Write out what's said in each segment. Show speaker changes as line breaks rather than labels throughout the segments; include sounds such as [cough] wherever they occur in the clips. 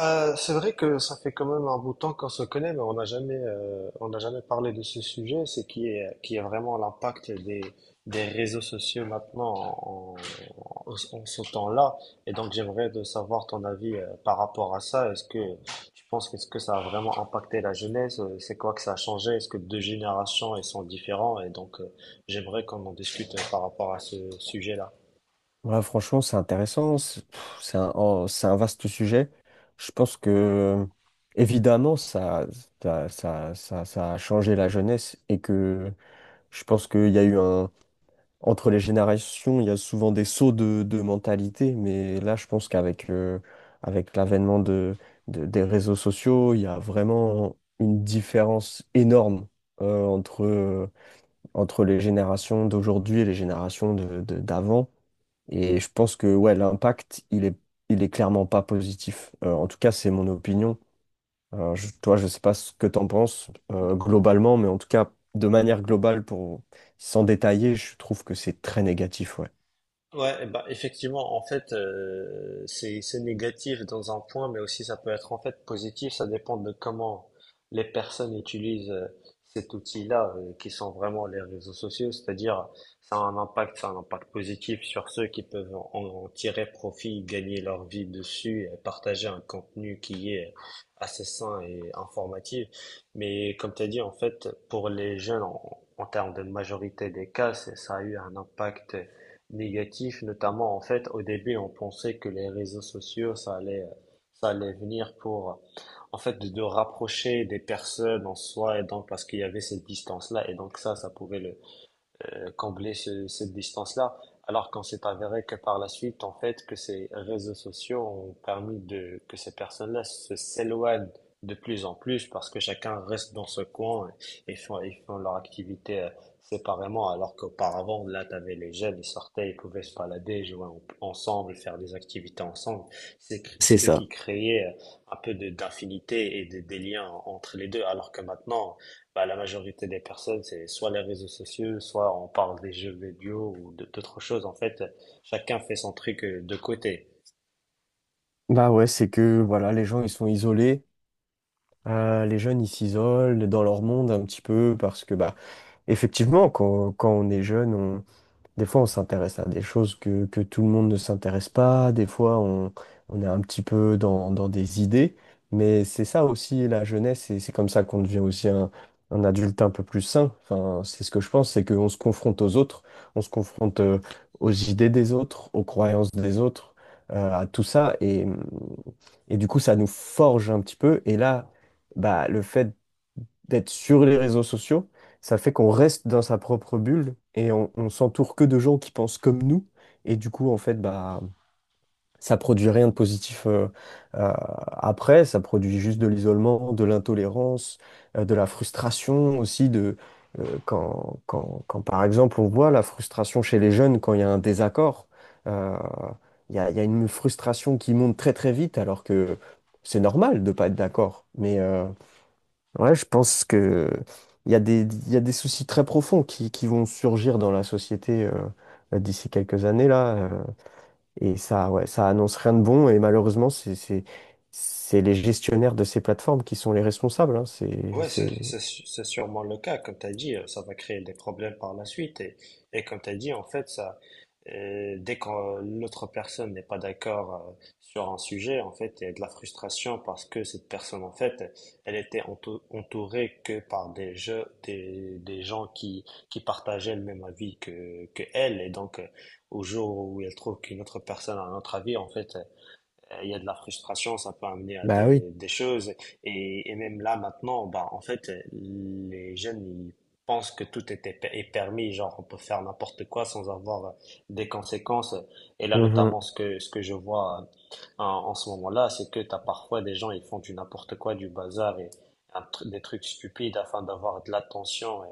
C'est vrai que ça fait quand même un bout de temps qu'on se connaît, mais on n'a jamais parlé de ce sujet, qui est vraiment l'impact des réseaux sociaux maintenant en, en ce temps-là. Et donc j'aimerais de savoir ton avis, par rapport à ça. Est-ce que tu penses ce que ça a vraiment impacté la jeunesse? C'est quoi que ça a changé? Est-ce que deux générations elles sont différentes? J'aimerais qu'on en discute, par rapport à ce sujet-là.
Ouais, franchement, c'est intéressant. C'est pff, c'est un, oh, c'est un vaste sujet. Je pense que, évidemment, ça a changé la jeunesse et que je pense qu'il y a eu un. Entre les générations, il y a souvent des sauts de mentalité. Mais là, je pense qu'avec avec l'avènement des réseaux sociaux, il y a vraiment une différence énorme euh, entre, euh, entre les générations d'aujourd'hui et les générations d'avant. Et je pense que ouais, l'impact, il est clairement pas positif. En tout cas, c'est mon opinion. Toi, je sais pas ce que tu en penses globalement, mais en tout cas, de manière globale, pour sans détailler, je trouve que c'est très négatif, ouais.
Ouais, bah effectivement, en fait, c'est négatif dans un point, mais aussi ça peut être en fait positif. Ça dépend de comment les personnes utilisent, cet outil-là, qui sont vraiment les réseaux sociaux. C'est-à-dire, ça a un impact positif sur ceux qui peuvent en tirer profit, gagner leur vie dessus, et partager un contenu qui est assez sain et informatif. Mais comme tu as dit, en fait, pour les jeunes, en termes de majorité des cas, ça a eu un impact négatif, notamment en fait au début on pensait que les réseaux sociaux ça allait venir pour en fait de rapprocher des personnes en soi et donc parce qu'il y avait cette distance-là et donc ça pouvait le combler cette distance-là. Alors qu'on s'est avéré que par la suite, en fait, que ces réseaux sociaux ont permis de, que ces personnes-là se s'éloignent de plus en plus parce que chacun reste dans ce coin et font leur activité séparément. Alors qu'auparavant, là, t'avais les jeunes, ils sortaient, ils pouvaient se balader, jouer ensemble, faire des activités ensemble.
C'est
Ce qui
ça.
créait un peu d'affinité et des liens entre les deux. Alors que maintenant, bah, la majorité des personnes, c'est soit les réseaux sociaux, soit on parle des jeux vidéo ou d'autres choses. En fait, chacun fait son truc de côté.
Bah ouais, c'est que voilà, les gens ils sont isolés. Les jeunes ils s'isolent dans leur monde un petit peu parce que bah effectivement quand on est jeune. Des fois, on s'intéresse à des choses que tout le monde ne s'intéresse pas. Des fois, on est un petit peu dans des idées. Mais c'est ça aussi, la jeunesse, et c'est comme ça qu'on devient aussi un adulte un peu plus sain. Enfin, c'est ce que je pense, c'est qu'on se confronte aux autres, on se confronte aux idées des autres, aux croyances des autres, à tout ça. Et du coup, ça nous forge un petit peu. Et là, bah, le fait d'être sur les réseaux sociaux, ça fait qu'on reste dans sa propre bulle et on s'entoure que de gens qui pensent comme nous. Et du coup, en fait, bah, ça produit rien de positif après. Ça produit juste de l'isolement, de l'intolérance, de la frustration aussi. Quand, par exemple, on voit la frustration chez les jeunes quand il y a un désaccord, euh, il y a une frustration qui monte très très vite alors que c'est normal de pas être d'accord. Mais, ouais, je pense que il y a des soucis très profonds qui vont surgir dans la société d'ici quelques années là, et ça, ouais, ça annonce rien de bon. Et malheureusement, c'est les gestionnaires de ces plateformes qui sont les responsables. Hein.
Ouais,
C'est...
c'est sûrement le cas, comme tu as dit, ça va créer des problèmes par la suite. Et comme tu as dit, en fait, dès que l'autre personne n'est pas d'accord sur un sujet, en fait, il y a de la frustration parce que cette personne, en fait, elle était entourée que par des gens qui partageaient le même avis que elle. Et donc, au jour où elle trouve qu'une autre personne a un autre avis, en fait, il y a de la frustration, ça peut amener à
Bah oui.
des choses. Et même là, maintenant, bah, en fait, les jeunes, ils pensent que est permis, genre on peut faire n'importe quoi sans avoir des conséquences. Et là,
Mhm,
notamment, ce que je vois, en ce moment-là, c'est que tu as parfois des gens, ils font du n'importe quoi, du bazar et des trucs stupides afin d'avoir de l'attention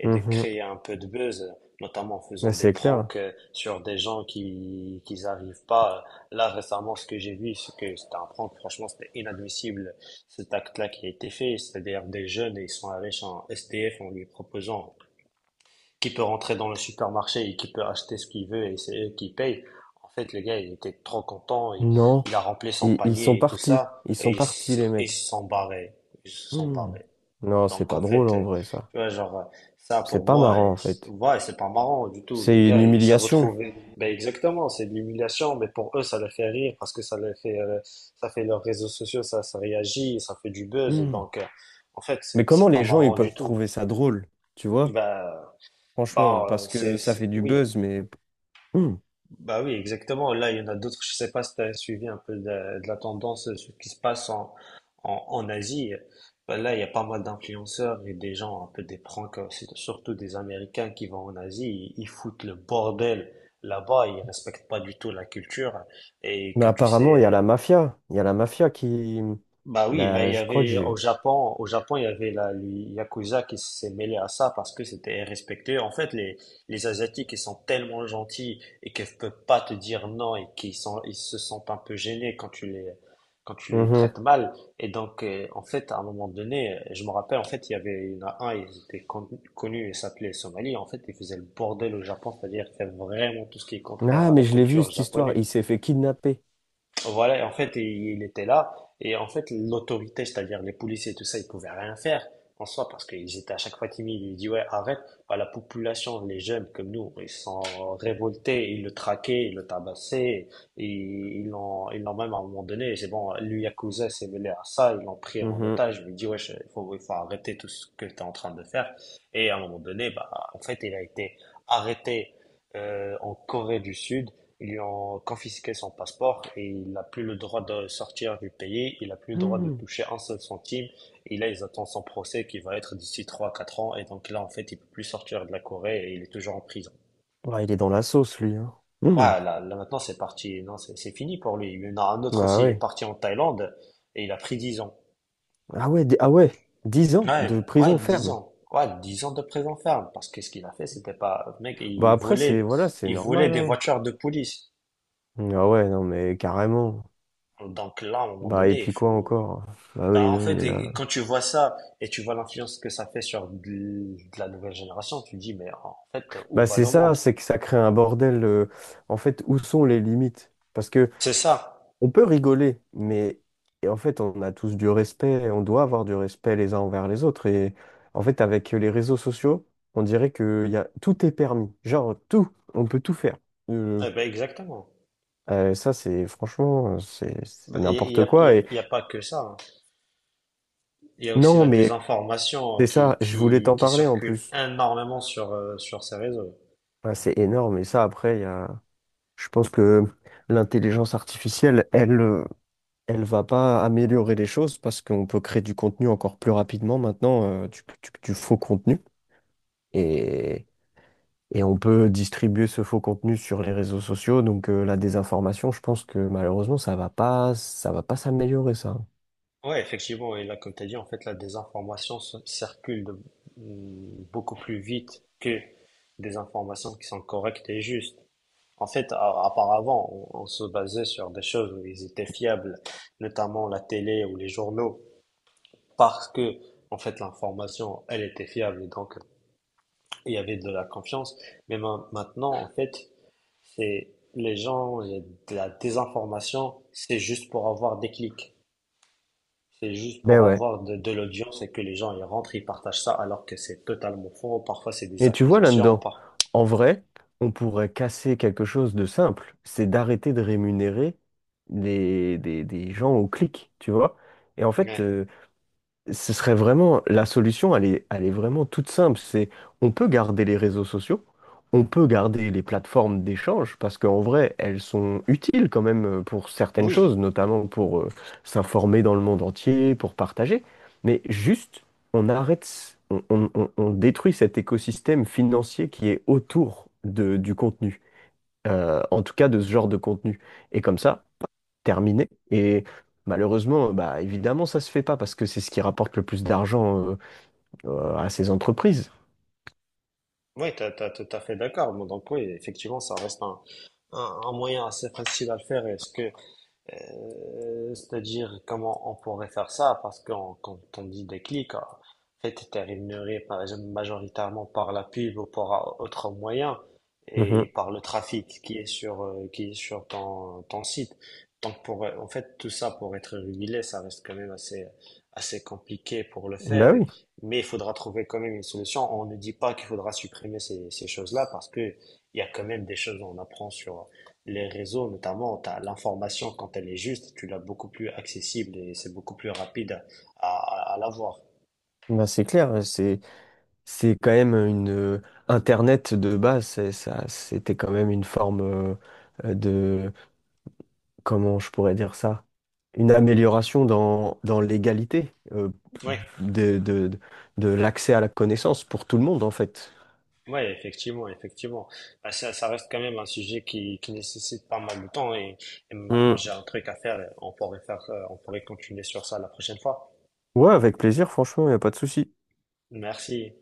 et de
mhm.
créer un peu de buzz, notamment en faisant
Ouais,
des
c'est clair.
pranks sur des gens qui n'arrivent pas. Là, récemment, ce que j'ai vu, c'est que c'était un prank. Franchement, c'était inadmissible cet acte-là qui a été fait. C'est-à-dire des jeunes, et ils sont allés chez un SDF en lui proposant qui peut rentrer dans le supermarché et qui peut acheter ce qu'il veut et c'est eux qui payent. En fait, le gars, il était trop content.
Non,
Il a rempli son
ils sont
panier et tout
partis.
ça.
Ils
Et
sont partis, les
ils
mecs.
se sont barrés. Ils se sont
Hmm.
barrés.
Non, c'est
Donc
pas
en
drôle
fait,
en vrai, ça.
tu vois, genre, ça
C'est
pour
pas
moi,
marrant en fait.
ouais, c'est pas marrant du tout. Le
C'est une
gars, il s'est
humiliation.
retrouvé. Ben exactement, c'est de l'humiliation, mais pour eux, ça les fait rire parce que ça les fait, ça fait leurs réseaux sociaux, ça réagit, ça fait du buzz, et
Hmm.
donc, en fait,
Mais
c'est
comment
c'est pas
les gens, ils
marrant du
peuvent
tout.
trouver ça drôle, tu vois?
Bah,
Franchement, parce que ça fait du
oui.
buzz, mais... [clears throat] Hmm.
Bah oui, exactement. Là, il y en a d'autres. Je sais pas si tu as suivi un peu de la tendance, ce qui se passe en Asie. Bah là, il y a pas mal d'influenceurs et des gens un peu des pranks, c'est surtout des Américains qui vont en Asie. Ils foutent le bordel là-bas. Ils respectent pas du tout la culture. Et
Mais
comme tu
apparemment, il y a
sais,
la mafia. Il y a la mafia qui...
bah oui, là il
Là,
y
je crois que
avait
j'ai...
Au Japon il y avait la le Yakuza qui s'est mêlé à ça parce que c'était respecté. En fait, les Asiatiques ils sont tellement gentils et qu'ils peuvent pas te dire non et qu'ils sont ils se sentent un peu gênés quand tu les
Mhm.
traites mal. Et donc en fait à un moment donné, je me rappelle en fait il y en a un ils étaient connus et s'appelait Somali. En fait ils faisaient le bordel au Japon, c'est-à-dire ils faisaient vraiment tout ce qui est contraire
Ah,
à
mais
la
je l'ai vu,
culture
cette histoire.
japonaise.
Il s'est fait kidnapper.
Voilà, et en fait, et il était là. Et en fait, l'autorité, c'est-à-dire les policiers et tout ça, ils pouvaient rien faire en soi parce qu'ils étaient à chaque fois timides. Ils disaient, ouais, arrête. Bah, la population, les jeunes comme nous, ils sont révoltés, ils le traquaient, ils le tabassaient. Et ils l'ont même à un moment donné, c'est bon, lui, Yakuza s'est mêlé à ça, ils l'ont pris en
Mhm.
otage. Ils lui dit, ouais, il faut arrêter tout ce que tu es en train de faire. Et à un moment donné, bah, en fait, il a été arrêté en Corée du Sud. Ils lui ont confisqué son passeport et il n'a plus le droit de sortir du pays, il n'a plus le droit de
Hmm.
toucher un seul centime. Et là, ils attendent son procès qui va être d'ici 3 4 ans. Et donc là, en fait, il peut plus sortir de la Corée et il est toujours en prison.
Ouais, il est dans la sauce, lui. Hein. Hmm.
Ah, là maintenant, c'est parti. Non, c'est fini pour lui. Il y en a un autre
Bah
aussi, il est
ouais.
parti en Thaïlande et il a pris 10 ans.
Ah ouais, ah ouais. 10 ans de prison ferme.
Ouais, 10 ans de prison ferme. Parce que ce qu'il a fait, c'était pas... Mec,
Bah après, c'est... Voilà, c'est
il volait
normal,
des
hein.
voitures de police.
Ah ouais, non, mais carrément.
Donc là, à un moment
Bah et
donné, il
puis quoi
faut...
encore? Bah oui,
Bah, en
non,
fait,
mais
et-
là...
et quand tu vois ça et tu vois l'influence que ça fait sur de la nouvelle génération, tu te dis, mais en fait, où
Bah
va
c'est
le
ça,
monde?
c'est que ça crée un bordel. En fait, où sont les limites? Parce que
C'est ça.
on peut rigoler, mais et en fait, on a tous du respect, on doit avoir du respect les uns envers les autres. Et en fait, avec les réseaux sociaux, on dirait que y a, tout est permis. Genre, tout, on peut tout faire. Euh,
Eh ben, exactement.
ça, c'est franchement, c'est
Bah,
n'importe quoi. Et
il y a pas que ça. Hein. Il y a aussi
non,
la
mais
désinformation
c'est ça, je voulais t'en
qui
parler en
circule
plus.
énormément sur, sur ces réseaux.
Ah, c'est énorme. Et ça, après, je pense que l'intelligence artificielle, elle va pas améliorer les choses parce qu'on peut créer du contenu encore plus rapidement maintenant, du faux contenu. Et, et on peut distribuer ce faux contenu sur les réseaux sociaux. Donc la désinformation, je pense que malheureusement, ça va pas s'améliorer, ça.
Ouais, effectivement. Et là, comme tu as dit, en fait, circule beaucoup plus vite que des informations qui sont correctes et justes. En fait, auparavant, on se basait sur des choses où ils étaient fiables, notamment la télé ou les journaux, parce que, en fait, l'information, elle était fiable et donc il y avait de la confiance. Mais maintenant, en fait, c'est les gens, il y a de la désinformation, c'est juste pour avoir des clics, c'est juste
Ben
pour
ouais.
avoir de l'audience et que les gens y rentrent, ils partagent ça, alors que c'est totalement faux. Parfois, c'est des
Et tu vois
accusations,
là-dedans,
par...
en vrai, on pourrait casser quelque chose de simple, c'est d'arrêter de rémunérer des gens au clic, tu vois. Et en fait,
Ouais.
ce serait vraiment la solution, elle est vraiment toute simple. C'est on peut garder les réseaux sociaux, on peut garder les plateformes d'échange parce qu'en vrai, elles sont utiles quand même pour certaines choses,
Oui.
notamment pour s'informer dans le monde entier, pour partager. Mais juste, on arrête, on détruit cet écosystème financier qui est autour du contenu, en tout cas de ce genre de contenu. Et comme ça, terminé. Et malheureusement, bah, évidemment, ça se fait pas parce que c'est ce qui rapporte le plus d'argent à ces entreprises.
Oui, t'as tout à fait d'accord. Bon, donc oui, effectivement, ça reste un moyen assez facile à le faire. Est-ce que c'est-à-dire comment on pourrait faire ça, parce que quand on dit déclic, en fait, tu es rémunéré par exemple majoritairement par la pub ou par autre moyen et
Mhm.
par le trafic qui est sur ton site. Donc pour, en fait, tout ça pour être régulé, ça reste quand même assez compliqué pour le
Bah
faire,
oui,
mais il faudra trouver quand même une solution. On ne dit pas qu'il faudra supprimer ces choses-là parce que il y a quand même des choses qu'on apprend sur, les réseaux notamment, t'as l'information quand elle est juste, tu l'as beaucoup plus accessible et c'est beaucoup plus rapide à l'avoir.
bah c'est clair, c'est quand même une Internet de base, ça c'était quand même une forme de comment je pourrais dire ça? Une amélioration dans l'égalité
Oui,
de, de, de l'accès à la connaissance pour tout le monde, en fait.
ouais, effectivement. Bah, ça reste quand même un sujet qui nécessite pas mal de temps et maintenant
Hmm.
j'ai un truc à faire, on pourrait continuer sur ça la prochaine fois.
Ouais, avec plaisir, franchement, il n'y a pas de souci.
Merci.